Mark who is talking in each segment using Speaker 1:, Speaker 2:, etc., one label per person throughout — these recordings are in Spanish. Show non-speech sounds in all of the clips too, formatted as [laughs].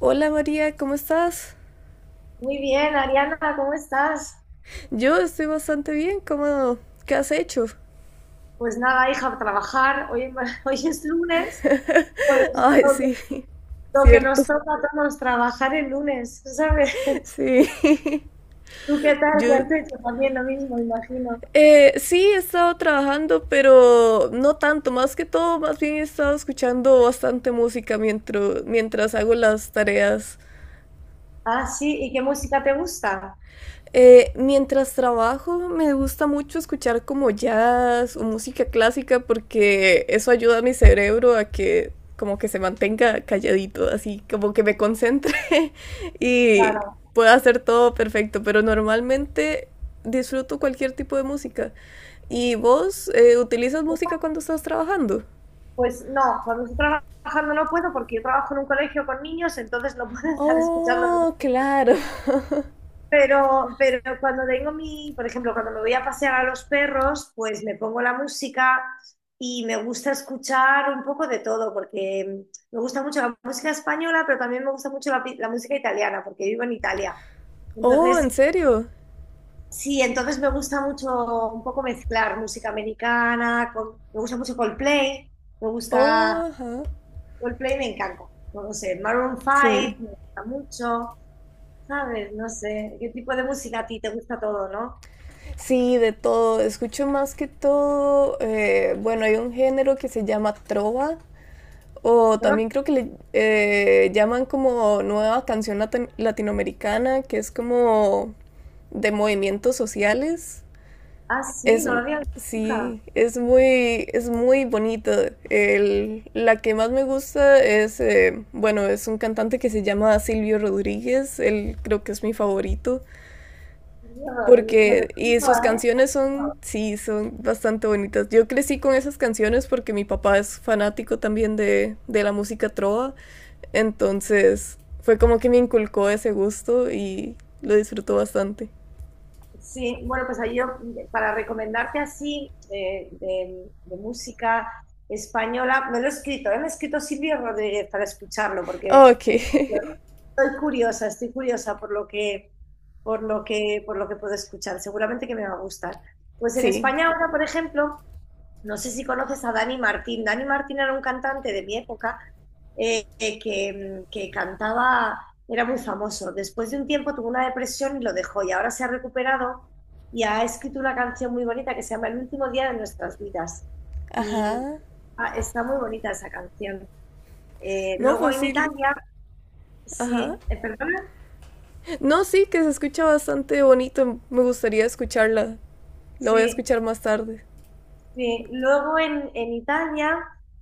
Speaker 1: Hola María, ¿cómo estás?
Speaker 2: Muy bien, Ariana, ¿cómo estás?
Speaker 1: Yo estoy bastante bien, ¿cómo? ¿Qué has hecho?
Speaker 2: Pues nada, hija, a trabajar. Hoy, [laughs] hoy es lunes, pues
Speaker 1: [laughs] Ay,
Speaker 2: lo que,
Speaker 1: sí,
Speaker 2: lo que
Speaker 1: cierto,
Speaker 2: nos toca a todos trabajar el lunes, ¿sabes?
Speaker 1: [laughs]
Speaker 2: [laughs]
Speaker 1: sí.
Speaker 2: ¿Tú qué tal? ¿Qué
Speaker 1: Yo,
Speaker 2: has hecho? También lo mismo, imagino.
Speaker 1: sí, he estado trabajando, pero no tanto, más que todo, más bien he estado escuchando bastante música mientras hago las tareas.
Speaker 2: Ah, sí, ¿y qué música te gusta?
Speaker 1: Mientras trabajo me gusta mucho escuchar como jazz o música clásica porque eso ayuda a mi cerebro a que como que se mantenga calladito, así como que me concentre [laughs] y
Speaker 2: Claro,
Speaker 1: pueda hacer todo perfecto, pero normalmente disfruto cualquier tipo de música. ¿Y vos utilizas música cuando estás trabajando?
Speaker 2: pues no, cuando estoy trabajando no puedo porque yo trabajo en un colegio con niños, entonces no puedo [laughs] estar escuchando
Speaker 1: Oh,
Speaker 2: música.
Speaker 1: claro. [laughs]
Speaker 2: Pero cuando tengo por ejemplo, cuando me voy a pasear a los perros, pues me pongo la música y me gusta escuchar un poco de todo, porque me gusta mucho la música española, pero también me gusta mucho la música italiana, porque vivo en Italia.
Speaker 1: Oh, ¿en
Speaker 2: Entonces,
Speaker 1: serio?
Speaker 2: sí, entonces me gusta mucho un poco mezclar música americana con, me gusta mucho Coldplay, me
Speaker 1: Oh,
Speaker 2: gusta
Speaker 1: ajá.
Speaker 2: Coldplay, me encanta. No lo sé, Maroon
Speaker 1: Sí.
Speaker 2: 5, me gusta mucho, ¿sabes? No sé, ¿qué tipo de música a ti te gusta? Todo, ¿no?
Speaker 1: Sí, de todo. Escucho más que todo. Bueno, hay un género que se llama trova, o
Speaker 2: Pero-
Speaker 1: también creo que le llaman como nueva canción latinoamericana, que es como de movimientos sociales.
Speaker 2: ah, sí,
Speaker 1: Es,
Speaker 2: no lo había visto nunca.
Speaker 1: sí, es muy bonita. La que más me gusta es, bueno, es un cantante que se llama Silvio Rodríguez. Él creo que es mi favorito.
Speaker 2: Mierda, me lo
Speaker 1: Porque, y
Speaker 2: explico,
Speaker 1: sus
Speaker 2: ¿eh?
Speaker 1: canciones son, sí, son bastante bonitas. Yo crecí con esas canciones porque mi papá es fanático también de la música trova. Entonces, fue como que me inculcó ese gusto y lo disfrutó bastante.
Speaker 2: Sí, bueno, pues ahí yo para recomendarte así de música española, me lo he escrito, ¿eh? Me he escrito Silvio Rodríguez para escucharlo,
Speaker 1: Ah,
Speaker 2: porque
Speaker 1: ok,
Speaker 2: estoy curiosa por lo que, puedo escuchar. Seguramente que me va a gustar. Pues en
Speaker 1: [laughs] sí.
Speaker 2: España ahora, por ejemplo, no sé si conoces a Dani Martín. Dani Martín era un cantante de mi época que cantaba, era muy famoso. Después de un tiempo tuvo una depresión y lo dejó, y ahora se ha recuperado y ha escrito una canción muy bonita que se llama El último día de nuestras vidas. Y
Speaker 1: Ajá.
Speaker 2: está muy bonita esa canción.
Speaker 1: No,
Speaker 2: Luego
Speaker 1: pues
Speaker 2: en
Speaker 1: sí.
Speaker 2: Italia,
Speaker 1: Ajá.
Speaker 2: sí, perdona,
Speaker 1: No, sí, que se escucha bastante bonito. Me gustaría escucharla. La voy a
Speaker 2: sí.
Speaker 1: escuchar más tarde.
Speaker 2: Sí, luego en Italia,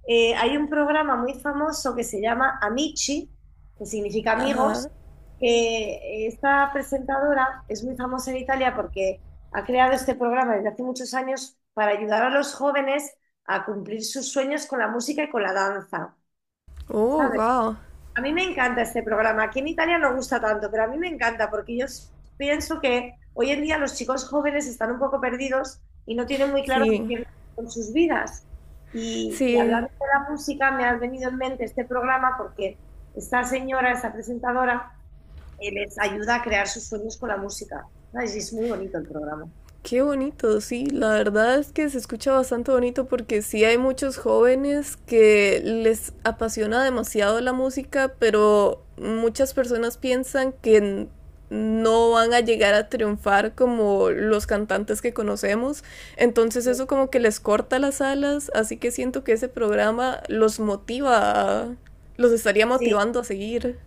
Speaker 2: hay un programa muy famoso que se llama Amici, que significa amigos,
Speaker 1: Ajá.
Speaker 2: que esta presentadora es muy famosa en Italia porque ha creado este programa desde hace muchos años para ayudar a los jóvenes a cumplir sus sueños con la música y con la danza,
Speaker 1: Oh,
Speaker 2: ¿sabes?
Speaker 1: wow.
Speaker 2: A mí me encanta este programa. Aquí en Italia no gusta tanto, pero a mí me encanta porque yo pienso que hoy en día los chicos jóvenes están un poco perdidos y no tienen muy claro qué
Speaker 1: Sí.
Speaker 2: quieren hacer con sus vidas. Y
Speaker 1: Sí.
Speaker 2: hablando de la música, me ha venido en mente este programa porque esta señora, esta presentadora, les ayuda a crear sus sueños con la música. ¿Sabes? Y es muy bonito el programa.
Speaker 1: Qué bonito, sí, la verdad es que se escucha bastante bonito porque sí hay muchos jóvenes que les apasiona demasiado la música, pero muchas personas piensan que no van a llegar a triunfar como los cantantes que conocemos, entonces eso como que les corta las alas, así que siento que ese programa los motiva, los estaría
Speaker 2: Sí.
Speaker 1: motivando a seguir.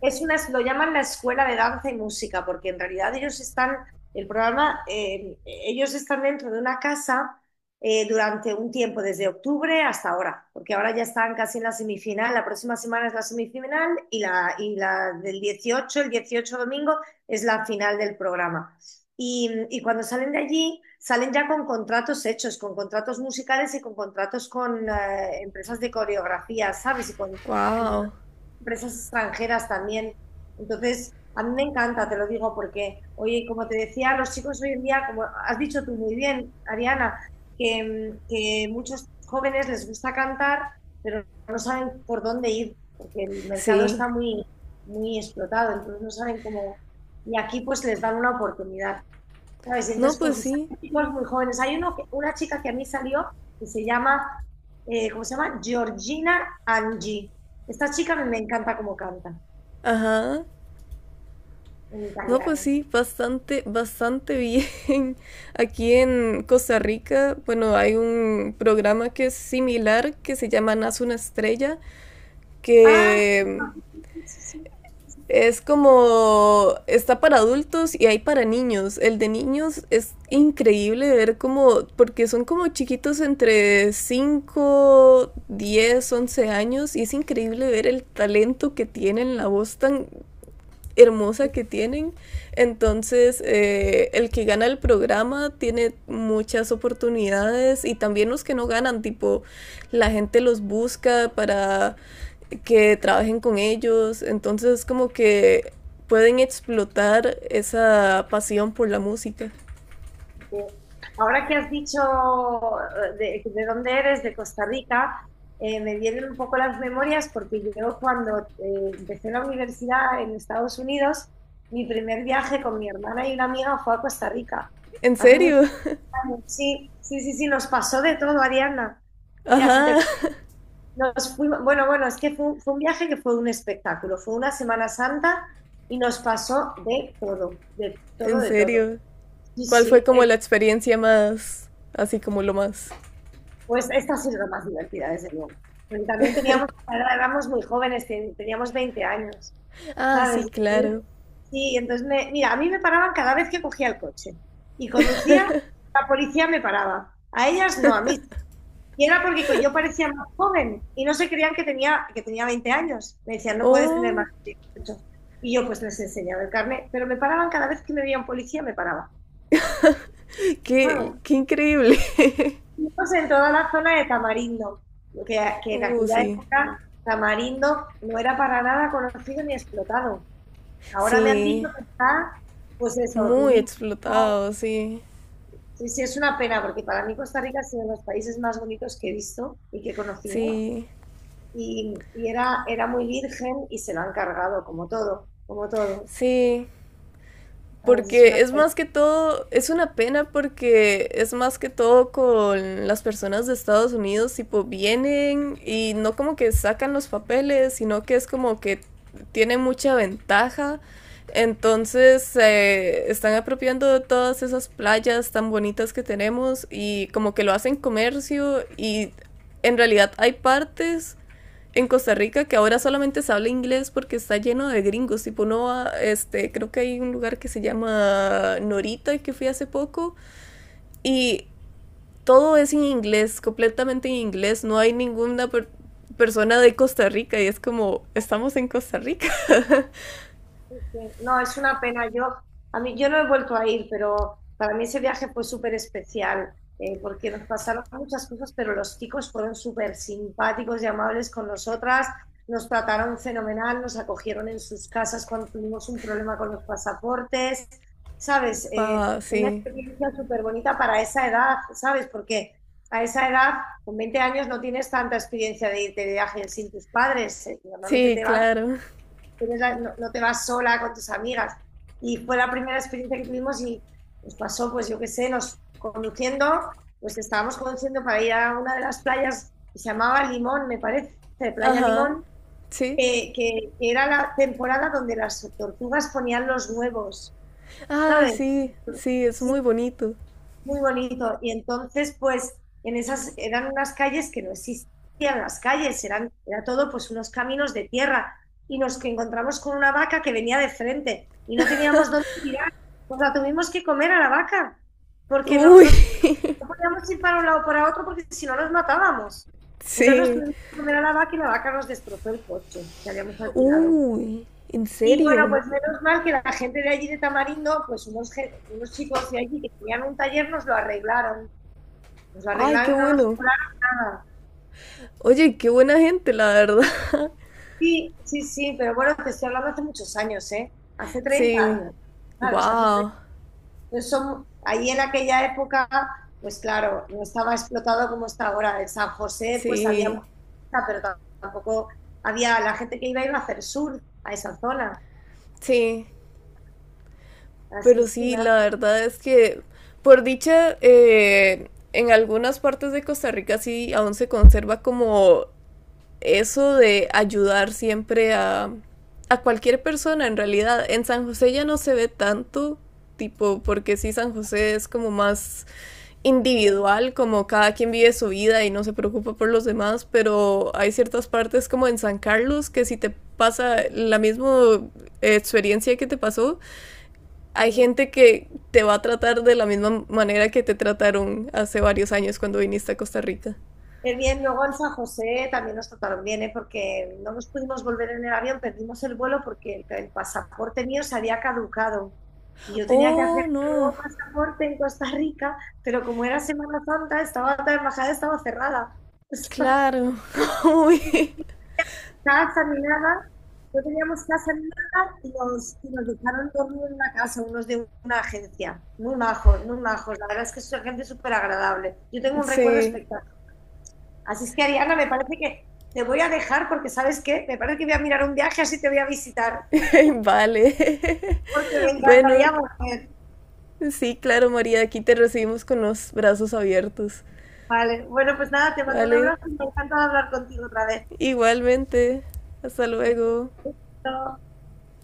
Speaker 2: Es una, lo llaman la escuela de danza y música, porque en realidad ellos están, el programa, ellos están dentro de una casa durante un tiempo, desde octubre hasta ahora, porque ahora ya están casi en la semifinal, la próxima semana es la semifinal y y la del 18, el 18 domingo es la final del programa. Y cuando salen de allí, salen ya con contratos hechos, con contratos musicales y con contratos con empresas de coreografía, ¿sabes? Y con
Speaker 1: Wow,
Speaker 2: empresas extranjeras también. Entonces, a mí me encanta, te lo digo, porque, oye, como te decía, los chicos hoy en día, como has dicho tú muy bien, Ariana, que muchos jóvenes les gusta cantar, pero no saben por dónde ir, porque el mercado
Speaker 1: sí.
Speaker 2: está muy, muy explotado, entonces no saben cómo... Y aquí pues les dan una oportunidad. ¿Sabes? Y
Speaker 1: No,
Speaker 2: entonces, pues
Speaker 1: pues
Speaker 2: usan
Speaker 1: sí.
Speaker 2: chicos muy jóvenes. Hay uno que, una chica que a mí salió que se llama, ¿cómo se llama? Georgina Angi. Esta chica me, me encanta cómo canta
Speaker 1: Ajá.
Speaker 2: en
Speaker 1: No, pues
Speaker 2: italiano.
Speaker 1: sí, bastante, bastante bien. [laughs] Aquí en Costa Rica, bueno, hay un programa que es similar, que se llama Nace una Estrella,
Speaker 2: Ah, sí,
Speaker 1: que
Speaker 2: sí, sí.
Speaker 1: es como está para adultos y hay para niños. El de niños es increíble ver cómo, porque son como chiquitos entre 5 10 11 años y es increíble ver el talento que tienen, la voz tan hermosa que tienen. Entonces, el que gana el programa tiene muchas oportunidades y también los que no ganan, tipo, la gente los busca para que trabajen con ellos. Entonces, como que pueden explotar esa pasión por la música.
Speaker 2: Este, ahora que has dicho, de dónde eres, de Costa Rica, me vienen un poco las memorias porque yo cuando empecé la universidad en Estados Unidos, mi primer viaje con mi hermana y una amiga fue a Costa Rica.
Speaker 1: ¿En
Speaker 2: Hace
Speaker 1: serio?
Speaker 2: muchos Sí, sí, sí, sí, nos pasó de todo, Ariana.
Speaker 1: [laughs]
Speaker 2: Mira, si
Speaker 1: Ajá,
Speaker 2: te, nos fuimos, bueno, bueno, es que fue un viaje que fue un espectáculo, fue una Semana Santa y nos pasó de todo, de todo,
Speaker 1: ¿en
Speaker 2: de todo.
Speaker 1: serio?
Speaker 2: Sí,
Speaker 1: ¿Cuál fue
Speaker 2: sí,
Speaker 1: como la experiencia más, así como lo más?
Speaker 2: pues esta ha sido la más divertida, desde luego. Porque también teníamos, ahora éramos muy jóvenes, teníamos 20 años,
Speaker 1: Ah, sí,
Speaker 2: ¿sabes? Y...
Speaker 1: claro.
Speaker 2: Sí, entonces, mira, a mí me paraban cada vez que cogía el coche y conducía, la policía me paraba. A ellas no, a mí sí. Y era porque yo parecía más joven y no se creían que tenía 20 años. Me decían, no puedes tener más
Speaker 1: Oh,
Speaker 2: de 18. Y yo pues les enseñaba el carnet, pero me paraban cada vez que me veía un policía, me paraba. Ah,
Speaker 1: qué,
Speaker 2: bueno,
Speaker 1: qué increíble. [laughs]
Speaker 2: entonces en toda la zona de Tamarindo, que, que en aquella
Speaker 1: Sí,
Speaker 2: época Tamarindo no era para nada conocido ni explotado. Ahora me han
Speaker 1: sí,
Speaker 2: dicho que está, pues eso,
Speaker 1: muy
Speaker 2: turístico.
Speaker 1: explotado, sí,
Speaker 2: Sí, sí, es una pena, porque para mí Costa Rica ha sido uno de los países más bonitos que he visto y que he conocido,
Speaker 1: sí,
Speaker 2: y era, era muy virgen y se lo han cargado, como todo, como todo.
Speaker 1: sí,
Speaker 2: ¿Sabes? Es
Speaker 1: porque
Speaker 2: una
Speaker 1: es más que todo, es una pena porque es más que todo con las personas de Estados Unidos, tipo, vienen y no como que sacan los papeles, sino que es como que tienen mucha ventaja, entonces se están apropiando de todas esas playas tan bonitas que tenemos y como que lo hacen comercio y en realidad hay partes en Costa Rica que ahora solamente se habla inglés porque está lleno de gringos. Tipo, no va, este, creo que hay un lugar que se llama Norita que fui hace poco y todo es en inglés, completamente en inglés. No hay ninguna persona de Costa Rica y es como, estamos en Costa Rica. [laughs]
Speaker 2: Sí. No, es una pena. Yo, a mí, yo no he vuelto a ir, pero para mí ese viaje fue súper especial, porque nos pasaron muchas cosas, pero los chicos fueron súper simpáticos y amables con nosotras, nos trataron fenomenal, nos acogieron en sus casas cuando tuvimos un problema con los pasaportes, ¿sabes?
Speaker 1: Wow,
Speaker 2: Una
Speaker 1: sí.
Speaker 2: experiencia súper bonita para esa edad, ¿sabes? Porque a esa edad, con 20 años, no tienes tanta experiencia de irte de viaje sin tus padres. Normalmente
Speaker 1: Sí,
Speaker 2: te vas,
Speaker 1: claro.
Speaker 2: no, no te vas sola con tus amigas. Y fue la primera experiencia que tuvimos y nos pasó, pues yo qué sé, nos conduciendo, pues estábamos conduciendo para ir a una de las playas que se llamaba Limón, me parece, Playa
Speaker 1: Ajá.
Speaker 2: Limón,
Speaker 1: Sí.
Speaker 2: era la temporada donde las tortugas ponían los huevos,
Speaker 1: Ay,
Speaker 2: ¿sabes?
Speaker 1: sí. Sí, es
Speaker 2: Sí,
Speaker 1: muy bonito.
Speaker 2: muy bonito. Y entonces, pues, en esas eran unas calles que no existían las calles, eran, era todo pues unos caminos de tierra. Y nos encontramos con una vaca que venía de frente y no teníamos dónde tirar. Pues la tuvimos que comer a la vaca, porque no,
Speaker 1: Uy.
Speaker 2: no, no podíamos ir para un lado o para otro, porque si no nos matábamos. Entonces nos
Speaker 1: [laughs] Sí.
Speaker 2: tuvimos que comer a la vaca y la vaca nos destrozó el coche que habíamos alquilado.
Speaker 1: Uy. ¿En
Speaker 2: Y bueno,
Speaker 1: serio?
Speaker 2: pues menos mal que la gente de allí de Tamarindo, pues unos chicos de allí que tenían un taller nos lo arreglaron. Nos lo
Speaker 1: Ay, qué
Speaker 2: arreglaron y no nos
Speaker 1: bueno.
Speaker 2: cobraron nada.
Speaker 1: Oye, qué buena gente, la verdad. [laughs]
Speaker 2: Sí, sí, sí, pero bueno, te estoy hablando hace muchos años, ¿eh? Hace treinta
Speaker 1: Sí.
Speaker 2: años, ¿sabes? Hace
Speaker 1: Wow.
Speaker 2: 30 Entonces, ahí en aquella época, pues claro, no estaba explotado como está ahora. En San José, pues había
Speaker 1: Sí.
Speaker 2: mucha, pero tampoco había la gente que iba a hacer sur a esa zona.
Speaker 1: Sí.
Speaker 2: Así
Speaker 1: Pero
Speaker 2: es que
Speaker 1: sí,
Speaker 2: nada,
Speaker 1: la verdad es que, por dicha, en algunas partes de Costa Rica sí aún se conserva como eso de ayudar siempre a cualquier persona, en realidad. En San José ya no se ve tanto, tipo, porque sí, San José es como más
Speaker 2: bien,
Speaker 1: individual, como cada quien vive su vida y no se preocupa por los demás, pero hay ciertas partes como en San Carlos que si te pasa la misma experiencia que te pasó, hay
Speaker 2: bien.
Speaker 1: gente que te va a tratar de la misma manera que te trataron hace varios años cuando viniste a Costa Rica.
Speaker 2: Qué bien, luego en San José también nos trataron bien, ¿eh? Porque no nos pudimos volver en el avión, perdimos el vuelo porque el pasaporte mío se había caducado. Y yo tenía que hacer
Speaker 1: Oh,
Speaker 2: un
Speaker 1: no,
Speaker 2: nuevo pasaporte en Costa Rica, pero como era Semana Santa, estaba la embajada estaba cerrada. [laughs]
Speaker 1: claro. [laughs] Uy,
Speaker 2: Casa ni nada, no teníamos casa ni nada y nos, y nos dejaron dormir en una casa, unos de una agencia. Muy majos, muy majos. La verdad es que es gente súper agradable. Yo tengo un recuerdo
Speaker 1: sí,
Speaker 2: espectacular. Así es que Ariana, me parece que te voy a dejar porque, ¿sabes qué? Me parece que voy a mirar un viaje, así te voy a visitar,
Speaker 1: vale.
Speaker 2: porque me
Speaker 1: [laughs] Bueno,
Speaker 2: encantaría volver.
Speaker 1: sí, claro, María, aquí te recibimos con los brazos abiertos.
Speaker 2: Vale, bueno, pues nada, te mando un
Speaker 1: Vale.
Speaker 2: abrazo y me encanta hablar contigo otra vez.
Speaker 1: Igualmente, hasta luego.
Speaker 2: Besito.